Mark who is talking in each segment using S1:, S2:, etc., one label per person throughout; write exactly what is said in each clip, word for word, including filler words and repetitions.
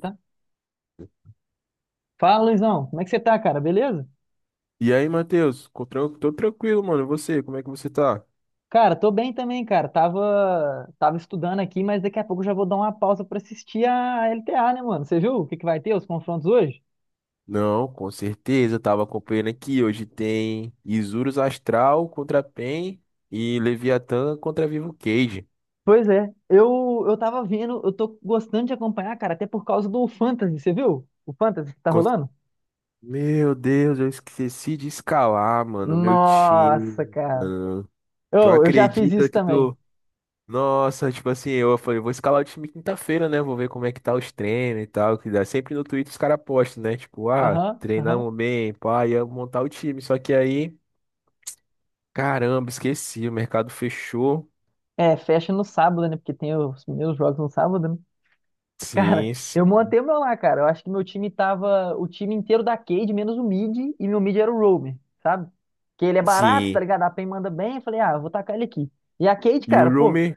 S1: Tá? Fala, Luizão. Como é que você tá, cara? Beleza?
S2: E aí, Matheus? Co- tran- Tô tranquilo, mano. E você, como é que você tá?
S1: Cara, tô bem também, cara. Tava, tava estudando aqui, mas daqui a pouco eu já vou dar uma pausa pra assistir a L T A, né, mano? Você viu o que que vai ter, os confrontos hoje?
S2: Não, com certeza. Tava acompanhando aqui. Hoje tem Isurus Astral contra Pen e Leviatã contra Vivo Cage.
S1: Pois é, eu, eu tava vendo, eu tô gostando de acompanhar, cara, até por causa do Fantasy, você viu? O Fantasy que tá
S2: Con-
S1: rolando?
S2: Meu Deus, eu esqueci de escalar, mano, meu
S1: Nossa,
S2: time.
S1: cara.
S2: Tu
S1: Eu, eu já fiz
S2: acredita
S1: isso
S2: que
S1: também.
S2: tu. Nossa, tipo assim, eu falei, vou escalar o time quinta-feira, né? Vou ver como é que tá os treinos e tal. Que dá sempre no Twitter os caras postam, né? Tipo, ah,
S1: Aham, aham.
S2: treinamos bem, pá, ia montar o time. Só que aí. Caramba, esqueci, o mercado fechou.
S1: É, fecha no sábado, né? Porque tem os meus jogos no sábado. Cara,
S2: Sim, s-
S1: eu montei o meu lá, cara. Eu acho que meu time tava o time inteiro da Cade, menos o mid, e meu mid era o Roamer, sabe? Que ele é barato, tá
S2: sim.
S1: ligado? A PEN manda bem. Eu falei, ah, eu vou tacar ele aqui. E a Cade,
S2: E o
S1: cara, pô,
S2: Rumi?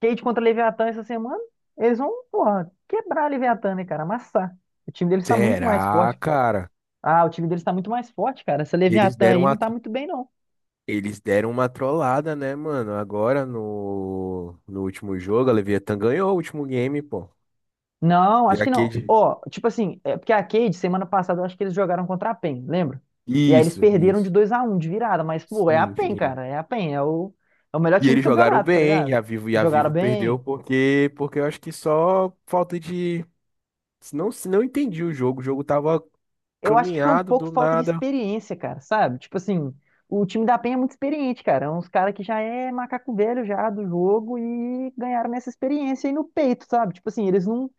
S1: Cade contra Leviatã essa semana, eles vão, porra, quebrar a Leviatã, né, cara? Amassar. O time deles tá muito mais
S2: Será,
S1: forte, pô.
S2: cara?
S1: Ah, o time deles tá muito mais forte, cara. Essa
S2: Eles
S1: Leviatã
S2: deram
S1: aí
S2: uma,
S1: não tá
S2: tro-
S1: muito bem, não.
S2: Eles deram uma trollada, né, mano? Agora no, no último jogo, a Leviathan ganhou o último game, pô.
S1: Não,
S2: E
S1: acho
S2: a
S1: que não. Ó, tipo assim, é porque a Cade, semana passada, eu acho que eles jogaram contra a PEN, lembra? E aí eles
S2: Isso,
S1: perderam de
S2: isso.
S1: dois a um de virada, mas, pô, é a
S2: Sim,
S1: PEN,
S2: sim.
S1: cara. É a PEN, é o, é o melhor
S2: E
S1: time do
S2: eles jogaram
S1: campeonato, tá
S2: bem,
S1: ligado?
S2: e a Vivo, e a
S1: Jogaram
S2: Vivo perdeu
S1: bem.
S2: porque, porque eu acho que só falta de. Não, se não entendi o jogo. O jogo tava
S1: Eu acho que foi um
S2: caminhado
S1: pouco
S2: do
S1: falta de
S2: nada.
S1: experiência, cara, sabe? Tipo assim, o time da PEN é muito experiente, cara. É uns caras que já é macaco velho já do jogo e ganharam essa experiência aí no peito, sabe? Tipo assim, eles não,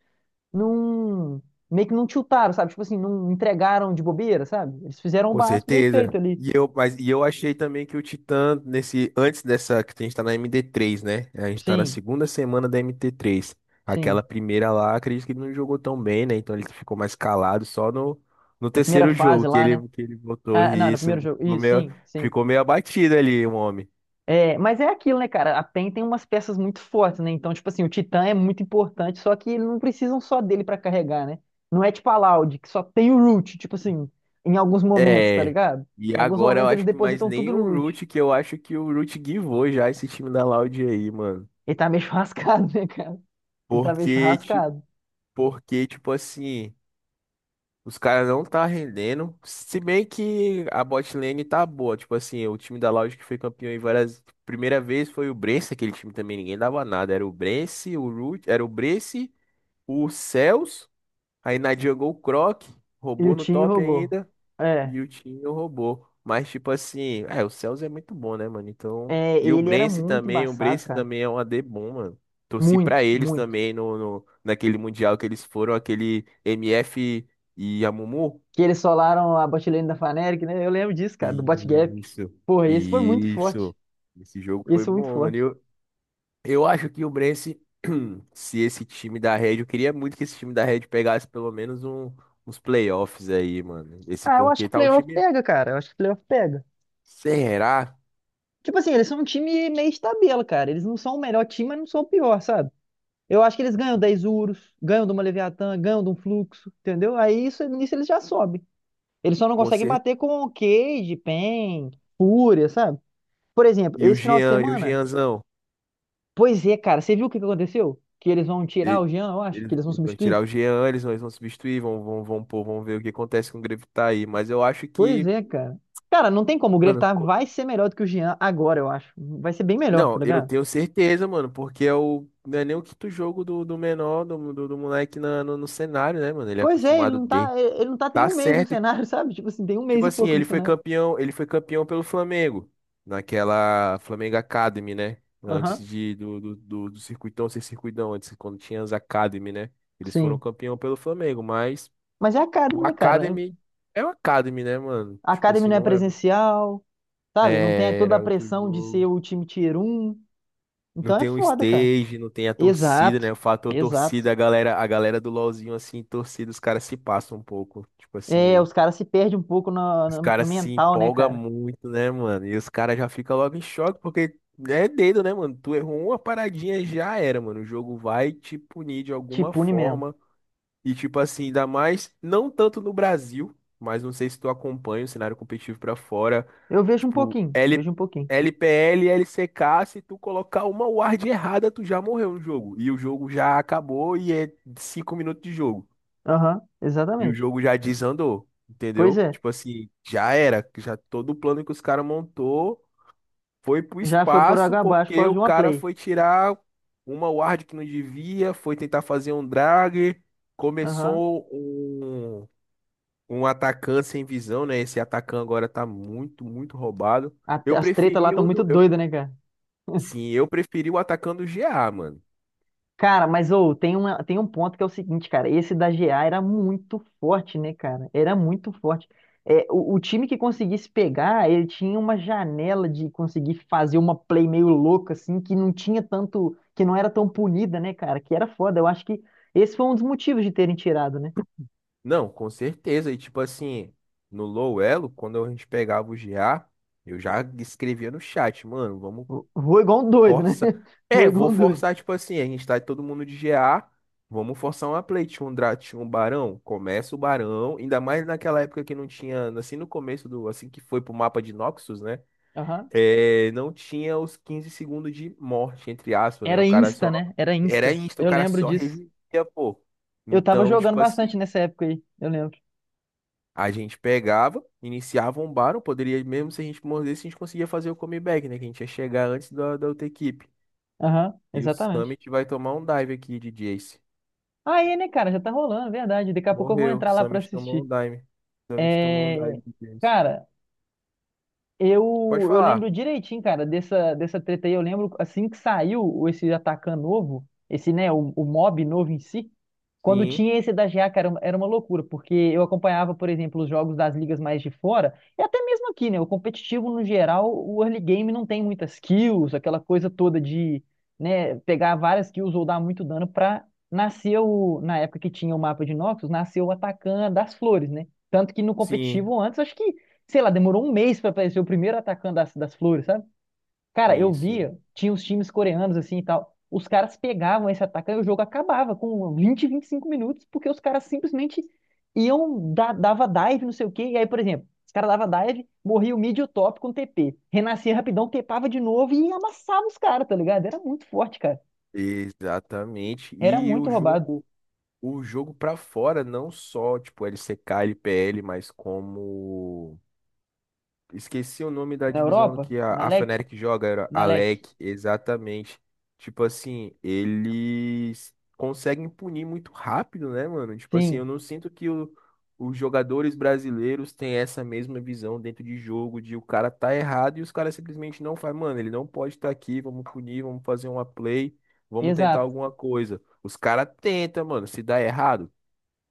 S1: não. Meio que não tiltaram, sabe? Tipo assim, não entregaram de bobeira, sabe? Eles fizeram o
S2: Com
S1: básico bem feito
S2: certeza.
S1: ali.
S2: E eu, mas, e eu achei também que o Titã, nesse, antes dessa, que a gente tá na md três né? A gente tá na
S1: Sim,
S2: segunda semana da mt três. Aquela
S1: sim.
S2: primeira lá, acredito que ele não jogou tão bem, né? Então ele ficou mais calado só no, no
S1: Na primeira
S2: terceiro jogo
S1: fase
S2: que
S1: lá, né?
S2: ele, que ele botou
S1: Ah, não, no
S2: isso.
S1: primeiro jogo.
S2: Ficou
S1: Isso,
S2: meio,
S1: sim, sim.
S2: ficou meio abatido ali, o homem.
S1: É, mas é aquilo, né, cara? A PEN tem umas peças muito fortes, né? Então, tipo assim, o Titã é muito importante, só que eles não precisam só dele pra carregar, né? Não é tipo a Loud, que só tem o Root, tipo assim, em alguns momentos, tá
S2: É.
S1: ligado?
S2: E
S1: Em alguns
S2: agora eu
S1: momentos eles
S2: acho que mais
S1: depositam
S2: nem
S1: tudo no
S2: o
S1: Root.
S2: Root, que eu acho que o Root guivou já esse time da Loud aí, mano.
S1: Ele tá meio churrascado, né, cara? Ele tá meio
S2: Porque, tipo,
S1: churrascado.
S2: porque, tipo assim. Os caras não tá rendendo. Se bem que a bot lane tá boa. Tipo assim, o time da Loud que foi campeão em várias. Primeira vez foi o Brence, aquele time também ninguém dava nada. Era o Brence, o Root, era o Brence, o Cells. Aí na jungle o Croc,
S1: E o
S2: roubou no
S1: Tim
S2: top
S1: roubou.
S2: ainda.
S1: É,
S2: E o time roubou. Mas tipo assim, é, o Cells é muito bom, né, mano? Então.
S1: é,
S2: E o
S1: ele era
S2: Brence
S1: muito
S2: também, o
S1: embaçado,
S2: Brence
S1: cara.
S2: também é um A D bom, mano. Torci pra
S1: Muito,
S2: eles
S1: muito.
S2: também no, no- naquele mundial que eles foram, aquele M F e a Mumu.
S1: Que eles solaram a botlane da Fnatic, né? Eu lembro disso, cara, do botgap.
S2: Isso,
S1: Porra, esse foi muito forte.
S2: isso. Esse jogo foi
S1: Esse foi muito
S2: bom, mano.
S1: forte.
S2: Eu, eu acho que o Brence, se esse time da Red, eu queria muito que esse time da Red pegasse pelo menos um, uns playoffs aí, mano. Esse
S1: Ah, eu acho
S2: porque
S1: que
S2: tá um
S1: playoff
S2: time.
S1: pega, cara. Eu acho que playoff pega.
S2: Será?
S1: Tipo assim, eles são um time meio de tabela, cara. Eles não são o melhor time, mas não são o pior, sabe? Eu acho que eles ganham dez Urus, ganham de uma Leviatã, ganham de um Fluxo, entendeu? Aí isso, nisso eles já sobem. Eles só não
S2: Com
S1: conseguem
S2: certeza.
S1: bater com o Cage, Pen, Fúria, sabe? Por exemplo,
S2: E o
S1: esse final de
S2: Jean, e o
S1: semana?
S2: Jeanzão?
S1: Pois é, cara. Você viu o que que aconteceu? Que eles vão tirar
S2: E-
S1: o Jean, eu acho, que
S2: eles,
S1: eles vão
S2: eles vão
S1: substituir.
S2: tirar o Jean, eles vão, eles vão substituir, vão, vão, vão, pôr, vão ver o que acontece com o Grevitar aí. Mas eu acho
S1: Pois
S2: que,
S1: é, cara. Cara, não tem como. O
S2: mano.
S1: Grevtar vai ser melhor do que o Jean agora, eu acho. Vai ser bem melhor, tá
S2: Não, eu
S1: ligado?
S2: tenho certeza, mano, porque é o, não é nem o quinto jogo do, do menor, do, do, do moleque na, no, no cenário, né, mano? Ele é
S1: Pois é, ele
S2: acostumado
S1: não tá,
S2: de.
S1: ele ele não tá tem
S2: Tá
S1: um mês no
S2: certo.
S1: cenário, sabe? Tipo assim, tem um mês
S2: Tipo
S1: e
S2: assim,
S1: pouco no
S2: ele foi
S1: cenário.
S2: campeão, ele foi campeão pelo Flamengo, naquela Flamengo Academy, né? Antes
S1: Aham,
S2: de, do, do, do, do circuitão ser circuitão, antes, quando tinha as Academy, né? Eles foram
S1: sim.
S2: campeão pelo Flamengo, mas
S1: Mas é a Academy,
S2: o
S1: né, cara?
S2: Academy é o Academy, né, mano?
S1: A
S2: Tipo
S1: Academy
S2: assim,
S1: não é
S2: não é.
S1: presencial, sabe? Não tem
S2: É,
S1: toda a
S2: era outro
S1: pressão de
S2: jogo.
S1: ser o time Tier um.
S2: Não
S1: Então é
S2: tem um
S1: foda, cara.
S2: stage, não tem a torcida, né?
S1: Exato,
S2: O fator
S1: exato.
S2: torcida, a galera, a galera do LoLzinho, assim, torcida, os caras se passam um pouco. Tipo
S1: É,
S2: assim,
S1: os caras se perdem um pouco no,
S2: os
S1: no- no
S2: caras se
S1: mental, né,
S2: empolgam
S1: cara?
S2: muito, né, mano? E os caras já ficam logo em choque, porque é dedo, né, mano? Tu errou uma paradinha, já era, mano. O jogo vai te punir de
S1: Te
S2: alguma
S1: pune mesmo.
S2: forma. E tipo assim, ainda mais, não tanto no Brasil, mas não sei se tu acompanha o cenário competitivo pra fora,
S1: Eu vejo um
S2: tipo,
S1: pouquinho,
S2: L,
S1: vejo um pouquinho.
S2: LPL, L C K, se tu colocar uma ward errada, tu já morreu no jogo. E o jogo já acabou e é cinco minutos de jogo.
S1: Aham,
S2: E o
S1: exatamente.
S2: jogo já desandou,
S1: Pois
S2: entendeu?
S1: é,
S2: Tipo assim, já era, já todo o plano que os caras montou foi pro
S1: já foi por
S2: espaço
S1: água abaixo por
S2: porque
S1: causa
S2: o
S1: de uma
S2: cara
S1: play.
S2: foi tirar uma ward que não devia, foi tentar fazer um drag,
S1: Aham.
S2: começou um, um atacante sem visão, né? Esse atacante agora tá muito, muito roubado.
S1: A-
S2: Eu
S1: As tretas lá
S2: preferi
S1: estão
S2: o
S1: muito
S2: do, eu,
S1: doidas, né, cara?
S2: sim, eu preferi o atacante do G A, mano.
S1: Cara, mas ô, tem uma, tem um ponto que é o seguinte, cara. Esse da G A era muito forte, né, cara? Era muito forte. É, o, o, time que conseguisse pegar, ele tinha uma janela de conseguir fazer uma play meio louca, assim, que não tinha tanto, que não era tão punida, né, cara? Que era foda. Eu acho que esse foi um dos motivos de terem tirado, né?
S2: Não, com certeza. E tipo assim, no low elo, quando a gente pegava o G A, eu já escrevia no chat, mano, vamos.
S1: Foi igual um doido, né?
S2: Força.
S1: Foi
S2: É,
S1: igual
S2: vou
S1: um doido.
S2: forçar, tipo assim, a gente tá todo mundo de G A. Vamos forçar uma play. Tinha um, dra- tinha um barão, começa o barão. Ainda mais naquela época que não tinha, assim no começo do, assim que foi pro mapa de Noxus, né?
S1: Aham.
S2: É, não tinha os quinze segundos de morte, entre aspas, né?
S1: Era
S2: O cara
S1: Insta,
S2: só.
S1: né? Era
S2: Era
S1: Insta.
S2: isso, o
S1: Eu
S2: cara
S1: lembro
S2: só
S1: disso.
S2: revivia, pô.
S1: Eu tava
S2: Então,
S1: jogando
S2: tipo
S1: bastante
S2: assim,
S1: nessa época aí. Eu lembro.
S2: a gente pegava, iniciava um barão, poderia, mesmo se a gente mordesse, a gente conseguia fazer o comeback, né? Que a gente ia chegar antes da, da outra equipe.
S1: Aham,
S2: E o
S1: exatamente.
S2: Summit vai tomar um dive aqui de Jace.
S1: Aí, né, cara, já tá rolando, é verdade. Daqui a pouco eu vou
S2: Morreu. O
S1: entrar lá pra
S2: Summit tomou um
S1: assistir.
S2: dive. O Summit tomou um
S1: É,
S2: dive de Jace.
S1: cara,
S2: Pode
S1: eu, eu
S2: falar.
S1: lembro direitinho, cara, dessa, dessa treta aí. Eu lembro assim que saiu esse Atacan novo, esse, né, o, o, mob novo em si. Quando
S2: Sim,
S1: tinha esse da G A, cara, era uma era uma loucura, porque eu acompanhava, por exemplo, os jogos das ligas mais de fora, e até mesmo aqui, né? O competitivo, no geral, o early game não tem muitas kills, aquela coisa toda de, né, pegar várias kills ou dar muito dano pra nascer o, na época que tinha o mapa de Noxus, nasceu o Atacan das flores, né? Tanto que no
S2: sim,
S1: competitivo antes, acho que sei lá, demorou um mês pra aparecer o primeiro atacante das, das flores, sabe? Cara,
S2: sim,
S1: eu
S2: sim.
S1: via, tinha os times coreanos assim e tal. Os caras pegavam esse atacante e o jogo acabava com vinte vinte e cinco minutos, porque os caras simplesmente iam, da, dava dive, não sei o quê. E aí, por exemplo, os caras dava dive, morria o mid e o top com T P. Renascia rapidão, tepava de novo e amassava os caras, tá ligado? Era muito forte, cara.
S2: Exatamente.
S1: Era
S2: E
S1: muito
S2: o
S1: roubado.
S2: jogo, o jogo para fora, não só, tipo, L C K, L P L, mas como. Esqueci o nome da
S1: Na
S2: divisão
S1: Europa,
S2: que a,
S1: na
S2: a
S1: L E C,
S2: Fnatic joga, era
S1: na L E C.
S2: Alec, exatamente. Tipo assim, eles conseguem punir muito rápido, né, mano? Tipo assim, eu
S1: Sim,
S2: não sinto que o- os jogadores brasileiros têm essa mesma visão dentro de jogo, de o cara tá errado e os caras simplesmente não fazem, mano, ele não pode estar aqui, vamos punir, vamos fazer uma play, vamos tentar
S1: exato.
S2: alguma coisa. Os caras tentam, mano, se dá errado,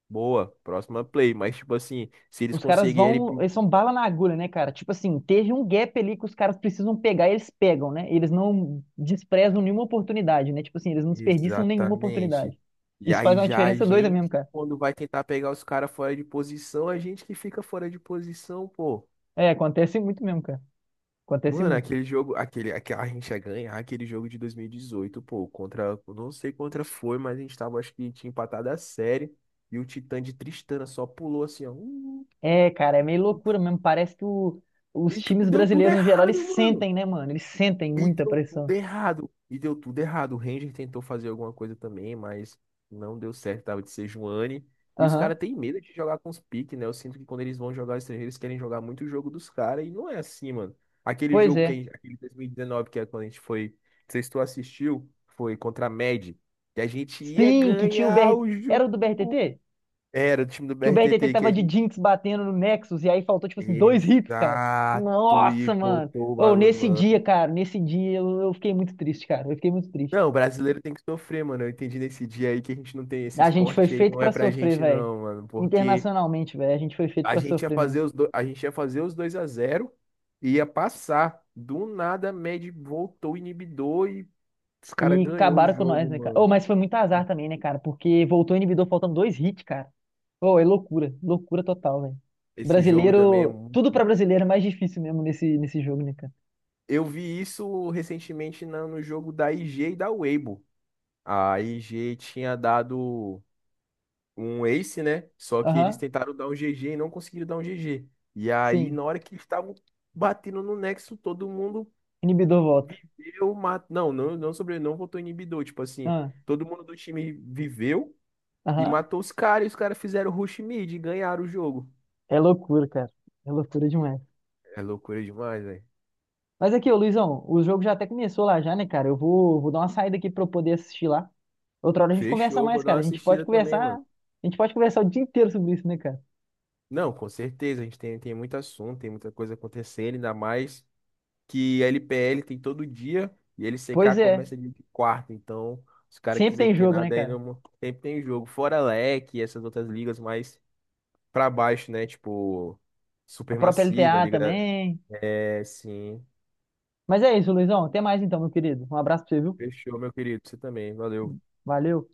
S2: boa, próxima play, mas tipo assim, se eles
S1: Os caras
S2: conseguirem.
S1: vão, eles são bala na agulha, né, cara? Tipo assim, teve um gap ali que os caras precisam pegar, e eles pegam, né? Eles não desprezam nenhuma oportunidade, né? Tipo assim, eles não desperdiçam nenhuma oportunidade.
S2: Exatamente. E
S1: Isso faz
S2: aí
S1: uma
S2: já a
S1: diferença doida mesmo,
S2: gente,
S1: cara.
S2: quando vai tentar pegar os caras fora de posição, a gente que fica fora de posição, pô.
S1: É, acontece muito mesmo, cara. Acontece
S2: Mano,
S1: muito.
S2: aquele jogo, aquele, aquele, a gente ia ganhar aquele jogo de dois mil e dezoito pô, contra, eu não sei contra foi, mas a gente tava, acho que tinha empatado a série, e o Titã de Tristana só pulou assim, ó, uh,
S1: É, cara, é meio loucura mesmo. Parece que o- os
S2: e tipo,
S1: times
S2: deu tudo
S1: brasileiros, no geral, eles
S2: errado, mano.
S1: sentem, né, mano? Eles sentem
S2: E
S1: muita
S2: deu tudo
S1: pressão.
S2: errado. E deu tudo errado. O Ranger tentou fazer alguma coisa também, mas não deu certo. Tava de Sejuani. E os
S1: Aham.
S2: caras têm medo de jogar com os piques, né? Eu sinto que quando eles vão jogar estrangeiros, eles querem jogar muito o jogo dos caras. E não é assim, mano. Aquele
S1: Pois
S2: jogo que a
S1: é.
S2: gente, aquele dois mil e dezenove, que é quando a gente foi. Não sei se tu assistiu, foi contra a M E D. Que a gente ia
S1: Sim, que tinha o
S2: ganhar
S1: B R...
S2: o
S1: Era o do
S2: jogo.
S1: B R T T?
S2: Era o time do
S1: Que o B R T T
S2: B R T T que
S1: tava
S2: a
S1: de
S2: gente.
S1: Jinx batendo no Nexus e aí faltou, tipo assim, dois hits, cara.
S2: Exato. E
S1: Nossa, mano.
S2: botou o
S1: Ou nesse
S2: bagulho.
S1: dia, cara, nesse dia eu, eu fiquei muito triste, cara. Eu fiquei muito triste.
S2: Não, o brasileiro tem que sofrer, mano. Eu entendi nesse dia aí que a gente não tem esse
S1: A gente foi
S2: esporte aí,
S1: feito
S2: não é
S1: pra
S2: pra
S1: sofrer,
S2: gente
S1: velho.
S2: não, mano, porque
S1: Internacionalmente, velho. A gente foi feito
S2: a
S1: pra
S2: gente ia
S1: sofrer mesmo.
S2: fazer os do... a gente ia fazer os dois a zero, e ia passar. Do nada, a Med voltou o inibidor e os caras
S1: E
S2: ganhou o
S1: acabaram com nós,
S2: jogo,
S1: né, cara?
S2: mano.
S1: Oh, mas foi muito azar também, né, cara? Porque voltou o inibidor faltando dois hits, cara. Oh, é loucura. Loucura total, velho.
S2: Esse jogo também é
S1: Brasileiro. Tudo
S2: muito.
S1: pra brasileiro é mais difícil mesmo nesse, nesse jogo, né, cara?
S2: Eu vi isso recentemente na- no jogo da I G e da Weibo. A I G tinha dado um Ace, né? Só que eles
S1: Aham,
S2: tentaram dar um G G e não conseguiram dar um G G. E aí,
S1: sim.
S2: na hora que eles estavam batendo no Nexo, todo mundo
S1: Inibidor volta.
S2: viveu, matou. Não, não, não sobre, não votou em inibidor. Tipo assim,
S1: Ah,
S2: todo mundo do time viveu e
S1: aham.
S2: matou os caras. E os caras fizeram rush mid e ganharam o jogo.
S1: É loucura, cara. É loucura demais.
S2: É loucura demais, velho.
S1: Mas aqui, ô Luizão, o jogo já até começou lá já, né, cara? Eu vou, vou dar uma saída aqui pra eu poder assistir lá. Outra hora a gente conversa
S2: Fechou,
S1: mais,
S2: vou dar uma
S1: cara. A gente pode
S2: assistida também,
S1: conversar,
S2: mano.
S1: a gente pode conversar o dia inteiro sobre isso, né, cara?
S2: Não, com certeza, a gente tem, tem, muito assunto, tem muita coisa acontecendo, ainda mais, que a L P L tem todo dia e L C K
S1: Pois é.
S2: começa de quarta. Então, se o cara
S1: Sempre
S2: quiser
S1: tem jogo, né,
S2: nada aí,
S1: cara?
S2: não, sempre tem jogo. Fora a L E C e essas outras ligas mais pra baixo, né? Tipo,
S1: A própria
S2: Supermassiva,
S1: LTA
S2: Liga da.
S1: também.
S2: É, sim.
S1: Mas é isso, Luizão. Até mais então, meu querido. Um abraço pra você, viu?
S2: Fechou, meu querido. Você também. Valeu.
S1: Valeu.